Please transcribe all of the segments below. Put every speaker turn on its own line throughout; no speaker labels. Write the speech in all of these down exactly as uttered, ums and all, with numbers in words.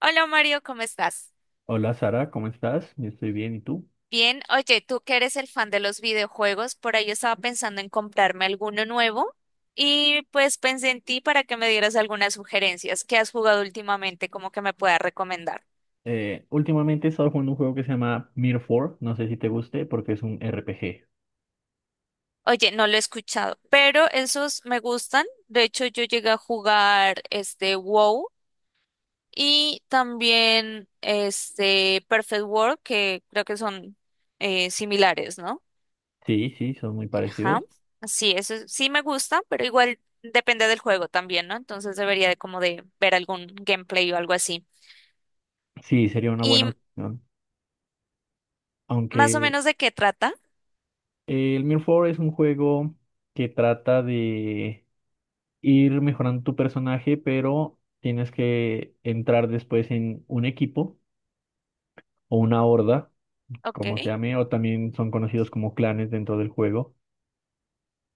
Hola Mario, ¿cómo estás?
Hola Sara, ¿cómo estás? Yo estoy bien, ¿y tú?
Bien, oye, tú que eres el fan de los videojuegos, por ahí yo estaba pensando en comprarme alguno nuevo y pues pensé en ti para que me dieras algunas sugerencias que has jugado últimamente, como que me puedas recomendar.
Eh, últimamente he estado jugando un juego que se llama Mirror cuatro, no sé si te guste porque es un R P G.
Oye, no lo he escuchado, pero esos me gustan. De hecho, yo llegué a jugar este WoW y también este Perfect World, que creo que son eh, similares, ¿no?
Sí, sí, son muy
Ajá.
parecidos.
Sí, eso sí me gusta, pero igual depende del juego también, ¿no? Entonces debería de como de ver algún gameplay o algo así.
Sí, sería una buena
¿Y
opción.
más o
Aunque
menos de qué trata?
eh, el Mirror cuatro es un juego que trata de ir mejorando tu personaje, pero tienes que entrar después en un equipo o una horda,
Ok,
como se llame, o también son conocidos como clanes dentro del juego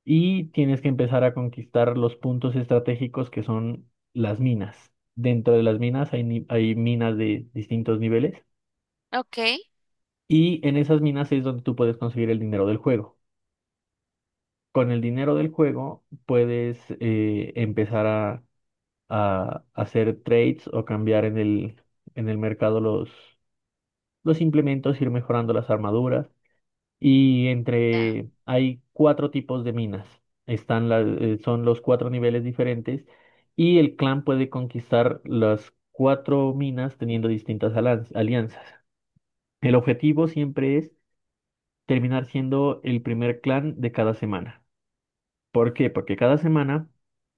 y tienes que empezar a conquistar los puntos estratégicos que son las minas. Dentro de las minas hay, ni- hay minas de distintos niveles
ok,
y en esas minas es donde tú puedes conseguir el dinero del juego. Con el dinero del juego puedes eh, empezar a, a hacer trades o cambiar en el, en el mercado los, los implementos, ir mejorando las armaduras. Y
ya,
entre, hay cuatro tipos de minas. Están las, eh, son los cuatro niveles diferentes y el clan puede conquistar las cuatro minas teniendo distintas alan- alianzas. El objetivo siempre es terminar siendo el primer clan de cada semana. ¿Por qué? Porque cada semana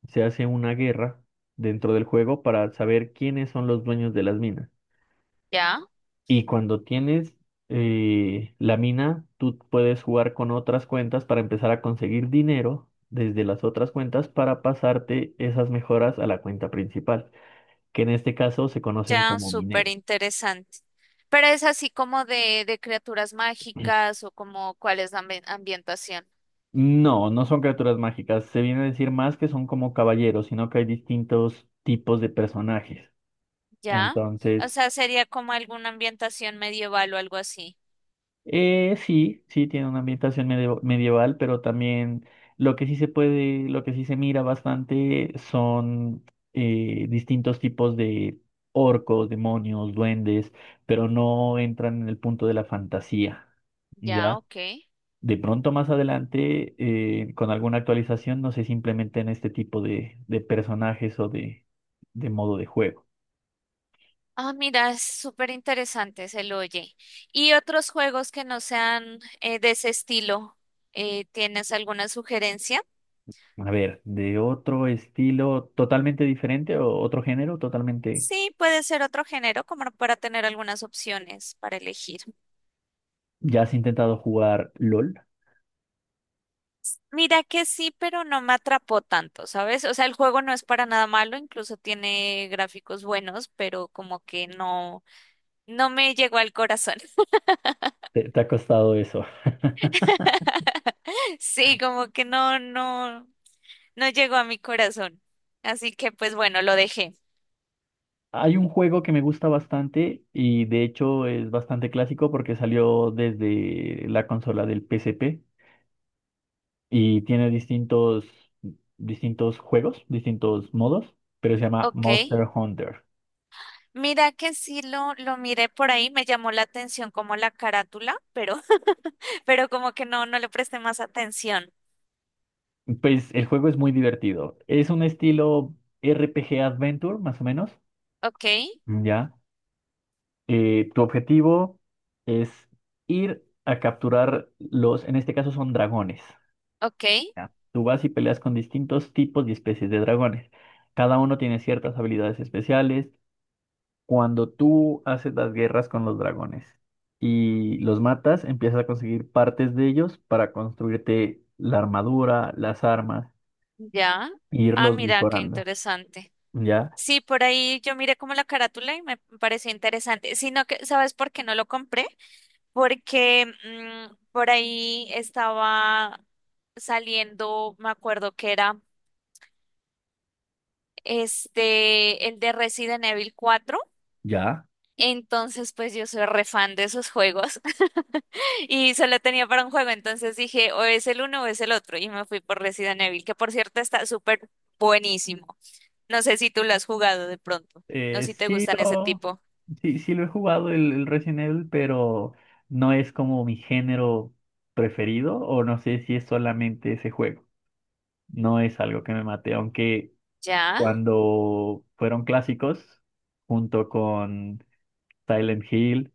se hace una guerra dentro del juego para saber quiénes son los dueños de las minas.
ya,
Y cuando tienes eh, la mina, tú puedes jugar con otras cuentas para empezar a conseguir dinero desde las otras cuentas para pasarte esas mejoras a la cuenta principal, que en este caso se conocen
ya,
como
súper
minero.
interesante. Pero es así como de, de criaturas mágicas o como cuál es la ambi- ambientación,
No, no son criaturas mágicas. Se viene a decir más que son como caballeros, sino que hay distintos tipos de personajes.
¿ya?
Entonces,
O sea, sería como alguna ambientación medieval o algo así.
Eh, sí, sí, tiene una ambientación medio- medieval, pero también lo que sí se puede, lo que sí se mira bastante son eh, distintos tipos de orcos, demonios, duendes, pero no entran en el punto de la fantasía,
Ya,
¿ya?
ok.
De pronto más adelante, eh, con alguna actualización, no sé, simplemente en este tipo de, de personajes o de, de modo de juego.
Ah, mira, es súper interesante, se lo oye. ¿Y otros juegos que no sean eh, de ese estilo? Eh, ¿tienes alguna sugerencia?
A ver, de otro estilo totalmente diferente o otro género totalmente.
Sí, puede ser otro género, como para tener algunas opciones para elegir.
¿Ya has intentado jugar LOL?
Mira que sí, pero no me atrapó tanto, ¿sabes? O sea, el juego no es para nada malo, incluso tiene gráficos buenos, pero como que no, no me llegó al corazón.
¿Te, te ha costado eso?
Sí, como que no, no, no llegó a mi corazón. Así que pues bueno, lo dejé.
Hay un juego que me gusta bastante y de hecho es bastante clásico porque salió desde la consola del P S P y tiene distintos, distintos juegos, distintos modos, pero se llama
Ok.
Monster Hunter.
Mira que sí lo, lo miré por ahí, me llamó la atención como la carátula, pero, pero como que no, no le presté más atención.
Pues el juego es muy divertido. Es un estilo R P G Adventure, más o menos.
Ok,
Ya. Eh, tu objetivo es ir a capturar los, en este caso son dragones.
ok,
Ya, tú vas y peleas con distintos tipos y especies de dragones. Cada uno tiene ciertas habilidades especiales. Cuando tú haces las guerras con los dragones y los matas, empiezas a conseguir partes de ellos para construirte la armadura, las armas,
ya.
e
Ah,
irlos
mira, qué
mejorando.
interesante.
¿Ya?
Sí, por ahí yo miré como la carátula y me pareció interesante. Sino que, ¿sabes por qué no lo compré? Porque mm, por ahí estaba saliendo, me acuerdo que era este, el de Resident Evil cuatro.
Ya.
Entonces, pues yo soy re fan de esos juegos y solo tenía para un juego, entonces dije, o es el uno o es el otro y me fui por Resident Evil, que por cierto está súper buenísimo. No sé si tú lo has jugado de pronto, no
Eh,
si te
sí
gustan ese
lo,
tipo.
sí, sí lo he jugado el, el Resident Evil, pero no es como mi género preferido o no sé si es solamente ese juego. No es algo que me mate, aunque
Ya,
cuando fueron clásicos, junto con Silent Hill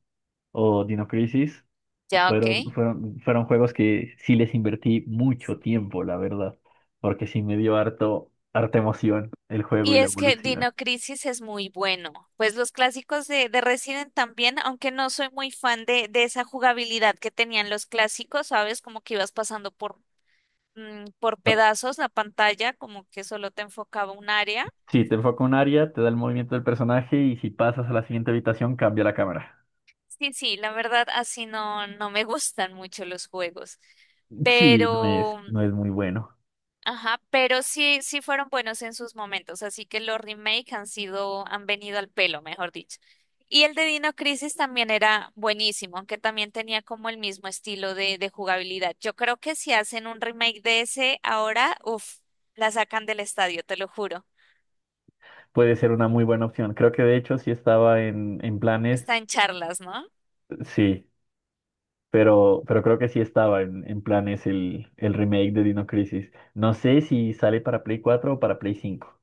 o Dino Crisis,
ya, ok.
fueron, fueron, fueron juegos que sí les invertí mucho tiempo, la verdad, porque sí me dio harto, harta emoción el juego
Y
y la
es que
evolución.
Dino Crisis es muy bueno. Pues los clásicos de, de Resident también, aunque no soy muy fan de, de esa jugabilidad que tenían los clásicos, ¿sabes? Como que ibas pasando por, mm, por
Ah,
pedazos la pantalla, como que solo te enfocaba un área.
sí, te enfoca un área, te da el movimiento del personaje y si pasas a la siguiente habitación cambia la cámara.
Sí, sí, la verdad así no, no me gustan mucho los juegos,
Sí, no es,
pero,
no es muy bueno.
ajá, pero sí, sí fueron buenos en sus momentos, así que los remake han sido, han venido al pelo, mejor dicho. Y el de Dino Crisis también era buenísimo, aunque también tenía como el mismo estilo de, de jugabilidad. Yo creo que si hacen un remake de ese ahora, uff, la sacan del estadio, te lo juro.
Puede ser una muy buena opción. Creo que de hecho sí estaba en, en planes.
Está en charlas, ¿no?
Sí, Pero, pero creo que sí estaba en, en planes el, el remake de Dino Crisis. No sé si sale para Play cuatro o para Play cinco,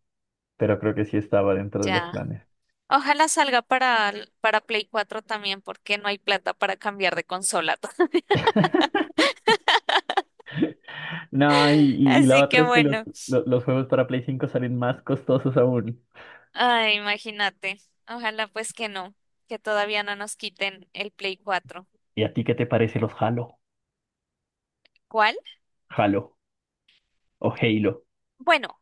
pero creo que sí estaba dentro de los
Ya.
planes.
Ojalá salga para, para Play cuatro también, porque no hay plata para cambiar de consola.
No, y, y- y la
Así
otra
que
es que los,
bueno,
lo- los, juegos para Play cinco salen más costosos aún.
ay, imagínate. Ojalá pues que no, que todavía no nos quiten el Play cuatro.
¿Y a ti qué te parece los Halo?
¿Cuál?
Halo o Halo.
Bueno,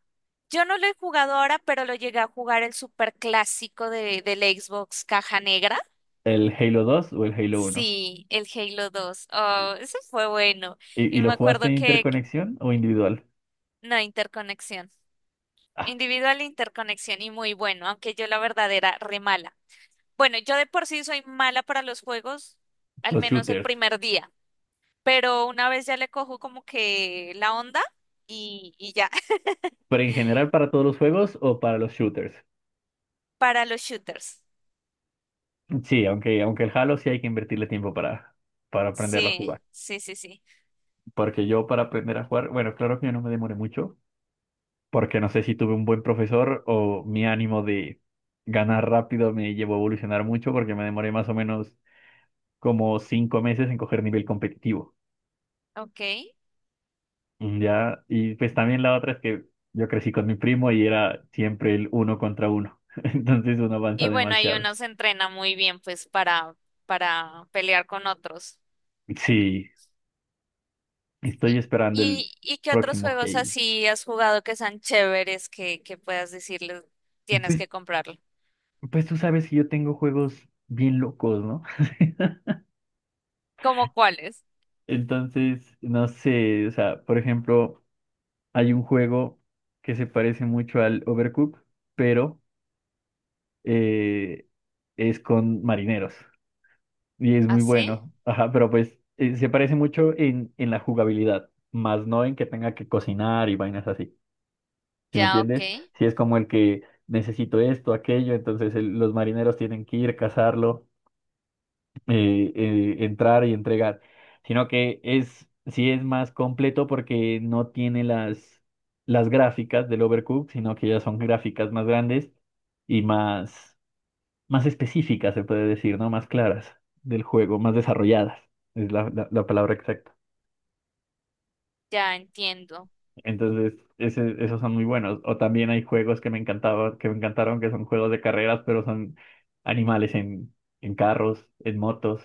yo no lo he jugado ahora, pero lo llegué a jugar el super clásico de, del Xbox Caja Negra.
¿El Halo dos o el Halo uno?
Sí, el Halo dos.
¿Y,
Oh, ese fue bueno. Y
y lo
me
jugaste
acuerdo
en
que,
interconexión o individual?
no, interconexión.
Ah,
Individual interconexión y muy bueno, aunque yo la verdad era re mala. Bueno, yo de por sí soy mala para los juegos, al
los
menos el
shooters.
primer día, pero una vez ya le cojo como que la onda y, y ya,
¿Pero en general para todos los juegos o para los shooters?
para los shooters.
Sí, aunque, aunque el Halo sí hay que invertirle tiempo para, para aprenderlo a
Sí,
jugar.
sí, sí, sí.
Porque yo para aprender a jugar, bueno, claro que yo no me demoré mucho, porque no sé si tuve un buen profesor o mi ánimo de ganar rápido me llevó a evolucionar mucho, porque me demoré más o menos como cinco meses en coger nivel competitivo.
Ok.
Mm, Ya, y pues también la otra es que yo crecí con mi primo y era siempre el uno contra uno. Entonces uno avanza
Y bueno, ahí
demasiado.
uno se entrena muy bien pues para, para pelear con otros.
Sí, estoy
¿Y,
esperando el
y, y qué otros
próximo
juegos
Halo.
así has jugado que sean chéveres que, que puedas decirles tienes
Pues,
que comprarlo?
pues tú sabes que yo tengo juegos bien locos, ¿no?
¿Cómo cuáles?
Entonces, no sé, o sea, por ejemplo, hay un juego que se parece mucho al Overcooked, pero eh, es con marineros y es muy
¿Así?
bueno. Ajá, pero pues eh, se parece mucho en, en la jugabilidad, más no en que tenga que cocinar y vainas así. ¿Sí me
Ya, ok.
entiendes? Si es como el que necesito esto, aquello, entonces el- los marineros tienen que ir a cazarlo. Eh, eh, entrar y entregar, sino que es, sí es más completo porque no tiene las, las gráficas del Overcooked, sino que ya son gráficas más grandes y más, más específicas, se puede decir, ¿no? Más claras del juego, más desarrolladas, es la, la la palabra exacta.
Ya entiendo.
Entonces, ese- esos son muy buenos. O también hay juegos que me encantaba, que me encantaron, que son juegos de carreras, pero son animales en, en carros, en motos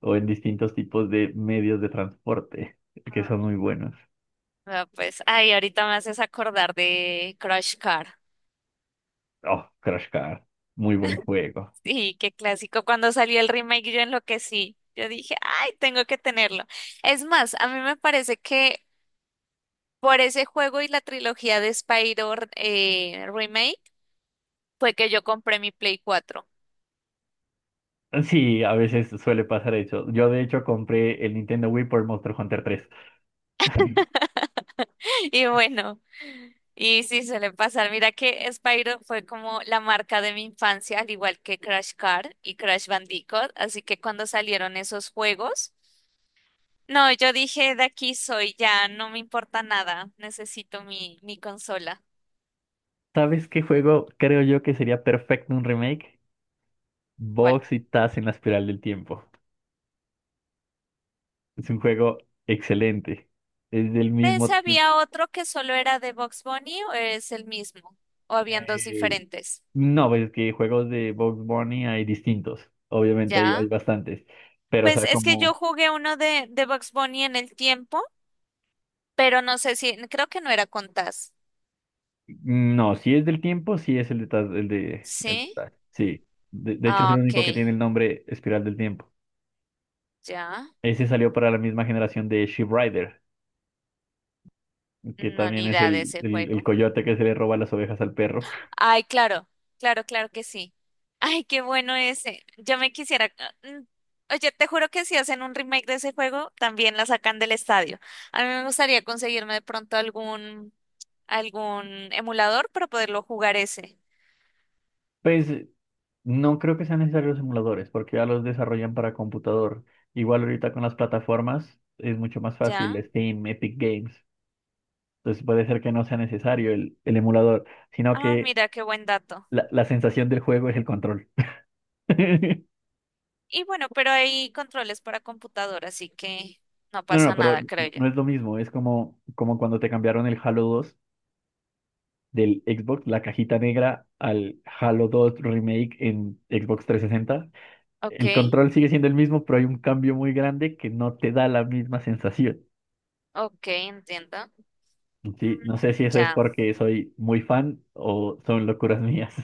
o en distintos tipos de medios de transporte, que son muy buenos.
Ah, pues, ay, ahorita me haces acordar de Crush Car.
Oh, Crash Car, muy buen juego.
Sí, qué clásico. Cuando salió el remake yo enloquecí. Yo dije, ay, tengo que tenerlo. Es más, a mí me parece que por ese juego y la trilogía de Spyro eh, Remake fue que yo compré mi Play cuatro.
Sí, a veces suele pasar eso. Yo de hecho compré el Nintendo Wii por Monster Hunter tres.
Y bueno, y sí suele pasar. Mira que Spyro fue como la marca de mi infancia, al igual que Crash Car y Crash Bandicoot. Así que cuando salieron esos juegos... No, yo dije, de aquí soy, ya no me importa nada, necesito mi, mi consola.
¿Sabes qué juego creo yo que sería perfecto un remake?
¿Cuál?
Box y Taz en la espiral del tiempo. Es un juego excelente. Es del
¿De
mismo
ese
tipo.
había otro que solo era de Box Bunny o es el mismo? ¿O habían dos
eh,
diferentes?
no, pues es que juegos de Bugs Bunny hay distintos. Obviamente hay, hay
¿Ya?
bastantes. Pero, o
Pues
sea,
es que
como.
yo jugué uno de, de Bugs Bunny en el tiempo, pero no sé si, creo que no era con Taz.
No, si es del tiempo, sí es el de. Taz- El de, el de
¿Sí?
Taz, sí. De, de hecho, es
Ah,
el
ok,
único que tiene el nombre Espiral del Tiempo.
ya.
Ese salió para la misma generación de Sheep Rider, que
No,
también
ni
es
idea de
el,
ese
el, el
juego.
coyote que se le roba las ovejas al perro.
Ay, claro, claro, claro que sí. Ay, qué bueno ese. Yo me quisiera. mm, Oye, te juro que si hacen un remake de ese juego, también la sacan del estadio. A mí me gustaría conseguirme de pronto algún, algún emulador para poderlo jugar ese.
Pues no creo que sean necesarios los emuladores, porque ya los desarrollan para computador. Igual ahorita con las plataformas es mucho más fácil,
¿Ya?
Steam, Epic Games. Entonces puede ser que no sea necesario el, el emulador, sino
Ah,
que
mira, qué buen dato.
la, la sensación del juego es el control.
Y bueno, pero hay controles para computador, así que no
No, no,
pasa
pero
nada, creo
no
yo.
no es lo mismo. Es como, como cuando te cambiaron el Halo dos del Xbox, la cajita negra, al Halo dos Remake en Xbox trescientos sesenta.
Ok,
El control sigue siendo el mismo, pero hay un cambio muy grande que no te da la misma sensación.
ok, entiendo. Mm.
Sí, no sé si eso es
Ya.
porque soy muy fan o son locuras mías.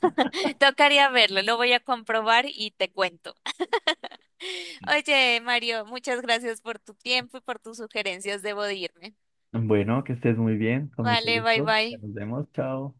Tocaría verlo, lo voy a comprobar y te cuento. Oye, Mario, muchas gracias por tu tiempo y por tus sugerencias. Debo de irme.
Bueno, que estés muy bien, con mucho
Vale, bye
gusto. Ya
bye.
nos vemos, chao.